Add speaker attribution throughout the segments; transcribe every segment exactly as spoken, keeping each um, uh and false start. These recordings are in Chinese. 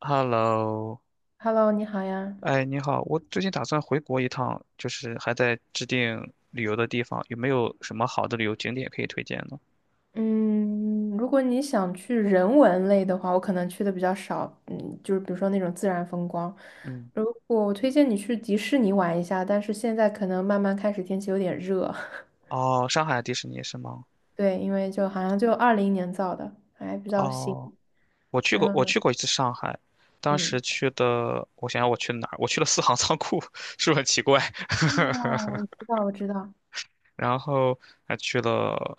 Speaker 1: Hello，
Speaker 2: Hello，你好呀。
Speaker 1: 哎，你好，我最近打算回国一趟，就是还在制定旅游的地方，有没有什么好的旅游景点可以推荐呢？
Speaker 2: 嗯，如果你想去人文类的话，我可能去的比较少。嗯，就是比如说那种自然风光。
Speaker 1: 嗯，
Speaker 2: 如果我推荐你去迪士尼玩一下，但是现在可能慢慢开始天气有点热。
Speaker 1: 哦，上海迪士尼是吗？
Speaker 2: 对，因为就好像就二零年造的，还比较新。
Speaker 1: 哦，我去过，
Speaker 2: 然
Speaker 1: 我
Speaker 2: 后，
Speaker 1: 去过一次上海，当时
Speaker 2: 嗯，
Speaker 1: 去的，我想想我去了哪儿？我去了四行仓库，是不是很奇怪？
Speaker 2: 哦，我知道我知道，
Speaker 1: 然后还去了，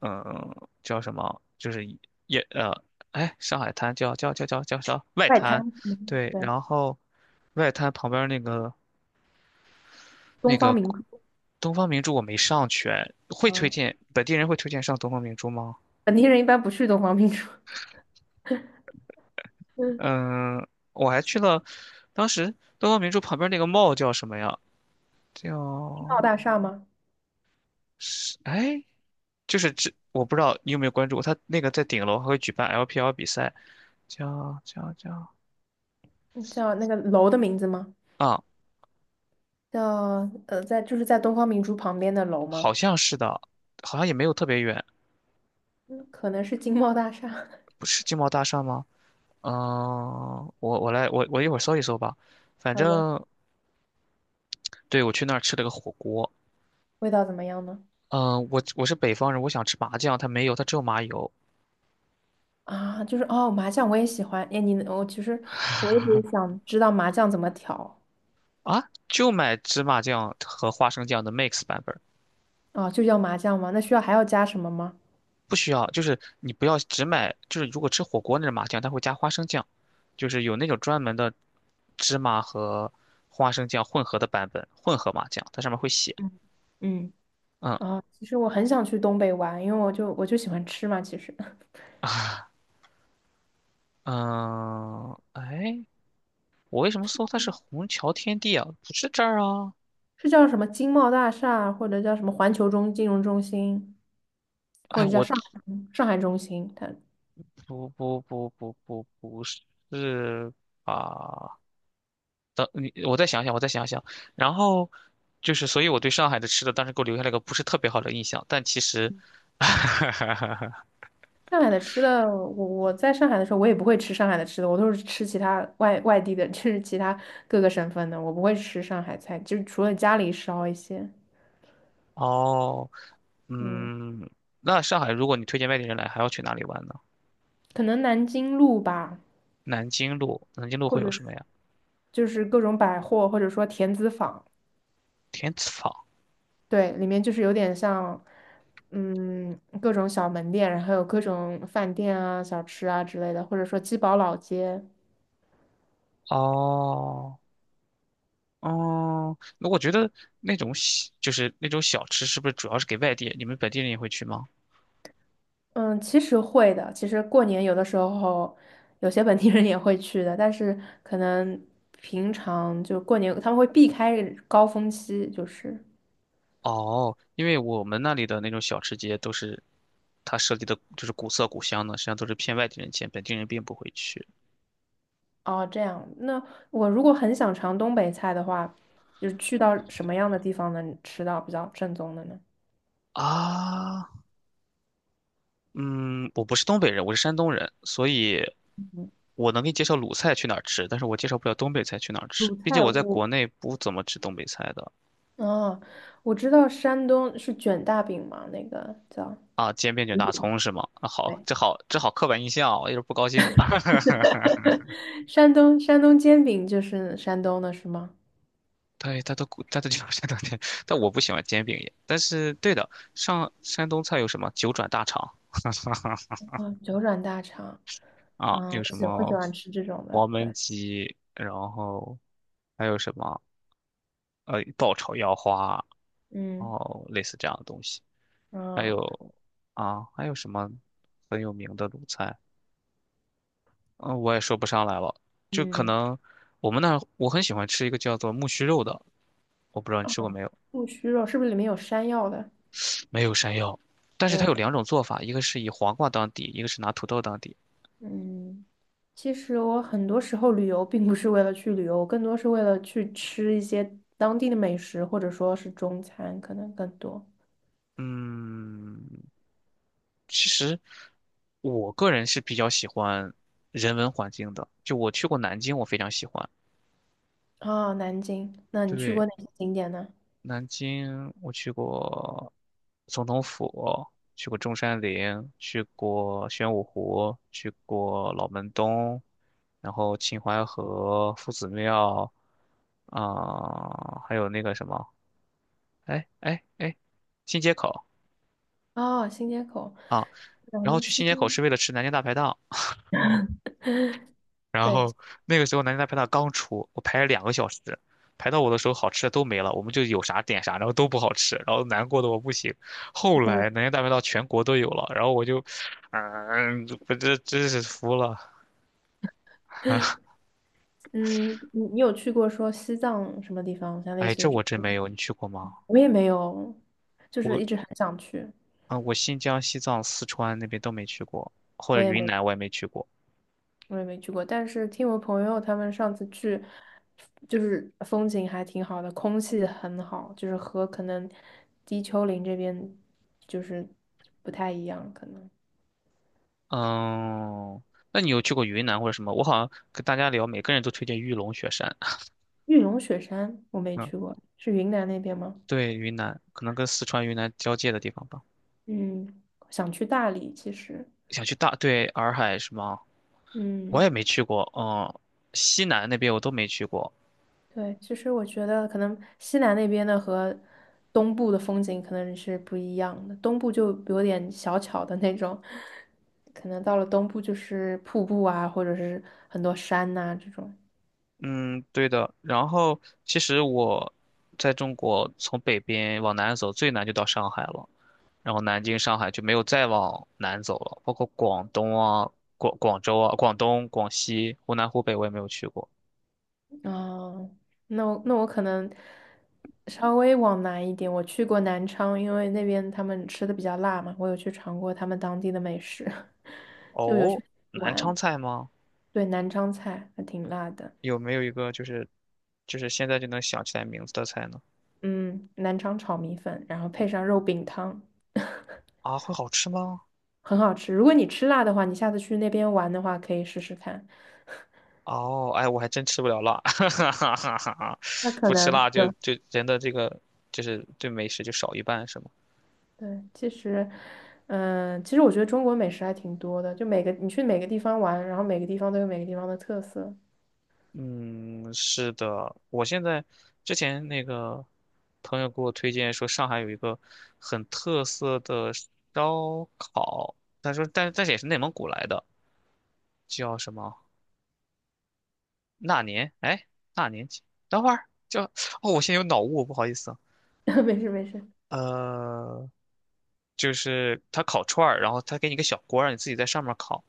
Speaker 1: 嗯、叫什么？就是一也呃，哎，上海滩叫叫叫叫叫叫外
Speaker 2: 外滩，
Speaker 1: 滩，
Speaker 2: 嗯，
Speaker 1: 对，
Speaker 2: 对，
Speaker 1: 然后外滩旁边那个。
Speaker 2: 东方明珠。
Speaker 1: 东方明珠我没上去，会推
Speaker 2: 嗯，
Speaker 1: 荐本地人会推荐上东方明珠吗？
Speaker 2: 本地人一般不去东方明珠。嗯，是
Speaker 1: 嗯，我还去了，当时东方明珠旁边那个 m 叫什么呀？
Speaker 2: 金茂
Speaker 1: 叫
Speaker 2: 大厦吗？
Speaker 1: 是哎，就是这我不知道你有没有关注过，它那个在顶楼还会举办 L P L 比赛，叫叫叫
Speaker 2: 嗯叫那个楼的名字吗？
Speaker 1: 啊，
Speaker 2: 叫呃，在就是在东方明珠旁边的楼
Speaker 1: 好
Speaker 2: 吗？
Speaker 1: 像是的，好像也没有特别远，
Speaker 2: 嗯，可能是金茂大厦。
Speaker 1: 不是金茂大厦吗？嗯，我我来我我一会儿搜一搜吧，反
Speaker 2: 好的，
Speaker 1: 正对我去那儿吃了个火锅，
Speaker 2: 味道怎么样呢？
Speaker 1: 嗯、呃我我是北方人，我想吃麻酱，它没有，它只有麻油
Speaker 2: 啊，就是哦，麻酱我也喜欢。哎，你我其实我一直想知道麻酱怎么调
Speaker 1: 啊，就买芝麻酱和花生酱的 mix 版本，
Speaker 2: 啊，就叫麻酱吗？那需要还要加什么吗？
Speaker 1: 不需要，就是你不要只买，就是如果吃火锅那种麻酱，它会加花生酱，就是有那种专门的芝麻和花生酱混合的版本，混合麻酱，它上面会写，
Speaker 2: 嗯嗯
Speaker 1: 嗯
Speaker 2: 啊，其实我很想去东北玩，因为我就我就喜欢吃嘛。其实
Speaker 1: 嗯，哎，我为什么搜它是虹桥天地啊？不是这儿啊，
Speaker 2: 是叫什么金茂大厦，或者叫什么环球中金融中心，
Speaker 1: 哎，
Speaker 2: 或者叫
Speaker 1: 我
Speaker 2: 上海上海中心，它
Speaker 1: 不不不不不不是啊。等你，我再想想，我再想想。然后就是，所以我对上海的吃的当时给我留下了一个不是特别好的印象。但其实，
Speaker 2: 上海的吃的，我我在上海的时候，我也不会吃上海的吃的，我都是吃其他外外地的，就是其他各个省份的，我不会吃上海菜，就是除了家里烧一些，
Speaker 1: 哦，
Speaker 2: 嗯，
Speaker 1: 嗯，那上海如果你推荐外地人来，还要去哪里玩呢？
Speaker 2: 可能南京路吧，
Speaker 1: 南京路，南京路
Speaker 2: 或
Speaker 1: 会有
Speaker 2: 者
Speaker 1: 什
Speaker 2: 是
Speaker 1: 么呀？
Speaker 2: 就是各种百货，或者说田子坊，
Speaker 1: 天子坊。
Speaker 2: 对，里面就是有点像，嗯，各种小门店，然后有各种饭店啊、小吃啊之类的，或者说鸡宝老街。
Speaker 1: 哦，哦，那我觉得那种小就是那种小吃，是不是主要是给外地？你们本地人也会去吗？
Speaker 2: 嗯，其实会的。其实过年有的时候，有些本地人也会去的，但是可能平常就过年他们会避开高峰期，就是
Speaker 1: 哦，因为我们那里的那种小吃街都是，它设计的就是古色古香的，实际上都是骗外地人钱，本地人并不会去。
Speaker 2: 哦这样。那我如果很想尝东北菜的话，就是去到什么样的地方能吃到比较正宗的呢？
Speaker 1: 啊，嗯，我不是东北人，我是山东人，所以
Speaker 2: 嗯，
Speaker 1: 我能给你介绍鲁菜去哪儿吃，但是我介绍不了东北菜去哪儿吃，
Speaker 2: 鲁
Speaker 1: 毕竟
Speaker 2: 菜
Speaker 1: 我在
Speaker 2: 我
Speaker 1: 国内不怎么吃东北菜的。
Speaker 2: 哦，我知道山东是卷大饼嘛，那个叫
Speaker 1: 啊，煎饼卷大
Speaker 2: 嗯
Speaker 1: 葱是吗？啊，好，
Speaker 2: 对，
Speaker 1: 这好，这好刻板印象啊，我有点不高兴了。
Speaker 2: 山东山东煎饼就是山东的是吗？
Speaker 1: 对，他都他都叫山东菜，但我不喜欢煎饼也。但是对的，上山东菜有什么九转大肠
Speaker 2: 啊，九转大肠，
Speaker 1: 啊，
Speaker 2: 嗯，
Speaker 1: 有
Speaker 2: 我
Speaker 1: 什
Speaker 2: 喜我喜
Speaker 1: 么
Speaker 2: 欢吃这种的，
Speaker 1: 黄焖
Speaker 2: 对，
Speaker 1: 鸡，然后还有什么呃爆炒腰花，
Speaker 2: 嗯，
Speaker 1: 哦，类似这样的东西。还
Speaker 2: 嗯
Speaker 1: 有啊，还有什么很有名的鲁菜？嗯，我也说不上来了。就可
Speaker 2: 嗯，
Speaker 1: 能我们那儿我很喜欢吃一个叫做木须肉的，我不知道你吃过没有？
Speaker 2: 木须肉是不是里面有山药的？
Speaker 1: 没有山药，但
Speaker 2: 没
Speaker 1: 是它
Speaker 2: 有
Speaker 1: 有
Speaker 2: 山，
Speaker 1: 两种做法，一个是以黄瓜当底，一个是拿土豆当底。
Speaker 2: 嗯，其实我很多时候旅游并不是为了去旅游，我更多是为了去吃一些当地的美食，或者说是中餐，可能更多。
Speaker 1: 嗯，其实我个人是比较喜欢人文环境的，就我去过南京，我非常喜欢。
Speaker 2: 啊，南京，那你去过
Speaker 1: 对，
Speaker 2: 哪些景点呢？
Speaker 1: 南京我去过总统府，去过中山陵，去过玄武湖，去过老门东，然后秦淮河、夫子庙，啊、还有那个什么，哎哎哎，新街口
Speaker 2: 啊，新街口，
Speaker 1: 啊。然后
Speaker 2: 南
Speaker 1: 去
Speaker 2: 京，
Speaker 1: 新街口是为了吃南京大排档，然
Speaker 2: 对，
Speaker 1: 后那个时候南京大排档刚出，我排了两个小时，排到我的时候好吃的都没了，我们就有啥点啥，然后都不好吃，然后难过的我不行。后
Speaker 2: 可能。
Speaker 1: 来南京大排档全国都有了，然后我就，嗯、我这真是服了。
Speaker 2: 嗯，你你有去过说西藏什么地方？像类
Speaker 1: 哎，
Speaker 2: 似
Speaker 1: 这
Speaker 2: 于这，
Speaker 1: 我真没有，你去过吗？
Speaker 2: 我也没有，就是一直
Speaker 1: 我
Speaker 2: 很想去，
Speaker 1: 啊、我新疆、西藏、四川那边都没去过，或
Speaker 2: 我
Speaker 1: 者
Speaker 2: 也
Speaker 1: 云
Speaker 2: 没
Speaker 1: 南我也没去过。
Speaker 2: 我也没去过。但是听我朋友他们上次去，就是风景还挺好的，空气很好，就是和可能低丘陵这边就是不太一样。可能
Speaker 1: 嗯，那你有去过云南或者什么？我好像跟大家聊，每个人都推荐玉龙雪山。
Speaker 2: 玉龙雪山我没
Speaker 1: 嗯，
Speaker 2: 去过，是云南那边吗？
Speaker 1: 对，云南可能跟四川、云南交界的地方吧。
Speaker 2: 嗯，想去大理，其实，
Speaker 1: 想去大，对，洱海是吗？我
Speaker 2: 嗯。
Speaker 1: 也没去过，嗯，西南那边我都没去过，
Speaker 2: 对，其实我觉得可能西南那边的和东部的风景可能是不一样的，东部就有点小巧的那种，可能到了东部就是瀑布啊，或者是很多山呐、这种。
Speaker 1: 嗯，对的。然后其实我在中国从北边往南走，最南就到上海了，然后南京、上海就没有再往南走了，包括广东啊、广广州啊、广东、广西、湖南、湖北我也没有去过。
Speaker 2: 嗯，那我那我可能稍微往南一点，我去过南昌，因为那边他们吃的比较辣嘛，我有去尝过他们当地的美食，就有去
Speaker 1: 哦，南
Speaker 2: 玩，
Speaker 1: 昌菜吗？
Speaker 2: 对，南昌菜还挺辣的。
Speaker 1: 有没有一个就是就是现在就能想起来名字的菜呢？
Speaker 2: 嗯，南昌炒米粉，然后配上肉饼汤。
Speaker 1: 啊，会好吃吗？
Speaker 2: 很好吃。如果你吃辣的话，你下次去那边玩的话，可以试试看。
Speaker 1: 哦，哎，我还真吃不了辣，哈哈哈哈哈
Speaker 2: 那可
Speaker 1: 不吃
Speaker 2: 能
Speaker 1: 辣就
Speaker 2: 就
Speaker 1: 就人的这个就是对美食就少一半是吗？
Speaker 2: 对，其实，嗯、其实我觉得中国美食还挺多的，就每个你去每个地方玩，然后每个地方都有每个地方的特色。
Speaker 1: 嗯，是的，我现在之前那个朋友给我推荐说上海有一个很特色的烧烤，他说但但是也是内蒙古来的，叫什么那年？哎，那年几？等会儿叫哦，我现在有脑雾，不好意思啊。
Speaker 2: 没事没事。
Speaker 1: 呃，就是他烤串儿，然后他给你个小锅儿，让你自己在上面烤。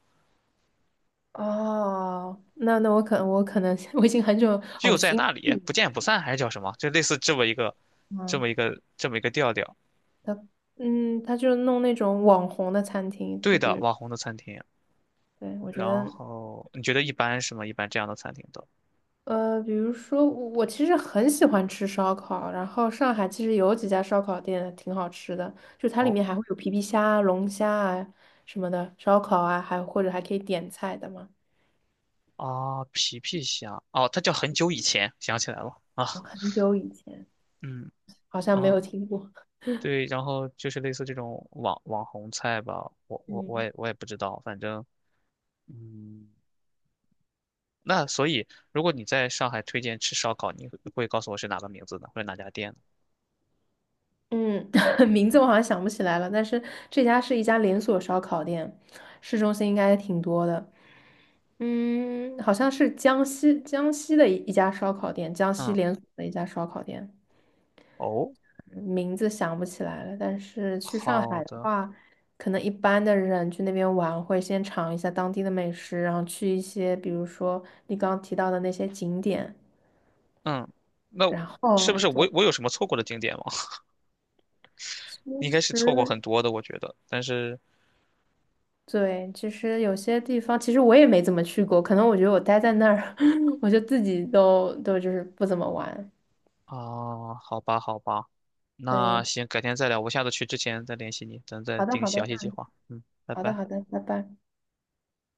Speaker 2: 哦，那那我可能我可能 我已经很久
Speaker 1: 只
Speaker 2: 哦，
Speaker 1: 有
Speaker 2: 我
Speaker 1: 在
Speaker 2: 去应该
Speaker 1: 那里不见不散，还是叫什么？就类似这么一个，这
Speaker 2: 嗯，
Speaker 1: 么一个，这么一个调调。
Speaker 2: 他嗯他就弄那种网红的餐厅，
Speaker 1: 对
Speaker 2: 就比
Speaker 1: 的，
Speaker 2: 如
Speaker 1: 网红的餐厅。
Speaker 2: 对我觉
Speaker 1: 然
Speaker 2: 得
Speaker 1: 后你觉得一般是吗？一般这样的餐厅都
Speaker 2: 呃，比如说我我其实很喜欢吃烧烤，然后上海其实有几家烧烤店挺好吃的，就它里
Speaker 1: 哦
Speaker 2: 面还会有皮皮虾啊龙虾啊什么的烧烤啊，还或者还可以点菜的嘛。
Speaker 1: 啊，皮皮虾哦，它叫很久以前，想起来了啊，
Speaker 2: 很久以前
Speaker 1: 嗯
Speaker 2: 好像没
Speaker 1: 啊，
Speaker 2: 有听过，
Speaker 1: 对，然后就是类似这种网网红菜吧，我我我
Speaker 2: 嗯，
Speaker 1: 也我也不知道，反正嗯，那所以如果你在上海推荐吃烧烤，你会会告诉我是哪个名字呢，或者哪家店呢？
Speaker 2: 嗯，名字我好像想不起来了，但是这家是一家连锁烧烤店，市中心应该也挺多的。嗯，好像是江西江西的一一家烧烤店，江西
Speaker 1: 嗯，
Speaker 2: 连锁的一家烧烤店。
Speaker 1: 哦，
Speaker 2: 名字想不起来了，但是去上
Speaker 1: 好
Speaker 2: 海的
Speaker 1: 的。
Speaker 2: 话，可能一般的人去那边玩会先尝一下当地的美食，然后去一些比如说你刚刚提到的那些景点。
Speaker 1: 嗯，那是不
Speaker 2: 哦，
Speaker 1: 是
Speaker 2: 对，
Speaker 1: 我我有什么错过的景点吗？
Speaker 2: 其
Speaker 1: 应该是错过很
Speaker 2: 实
Speaker 1: 多的，我觉得。但是
Speaker 2: 对，其实有些地方其实我也没怎么去过，可能我觉得我待在那儿，我就自己都都就是不怎么玩。
Speaker 1: 啊，好吧，好吧，那
Speaker 2: 对，
Speaker 1: 行，改天再聊。我下次去之前再联系你，咱再
Speaker 2: 好的
Speaker 1: 定
Speaker 2: 好的，
Speaker 1: 详细计
Speaker 2: 嗯，
Speaker 1: 划。嗯，拜
Speaker 2: 好的
Speaker 1: 拜。
Speaker 2: 好的，拜拜。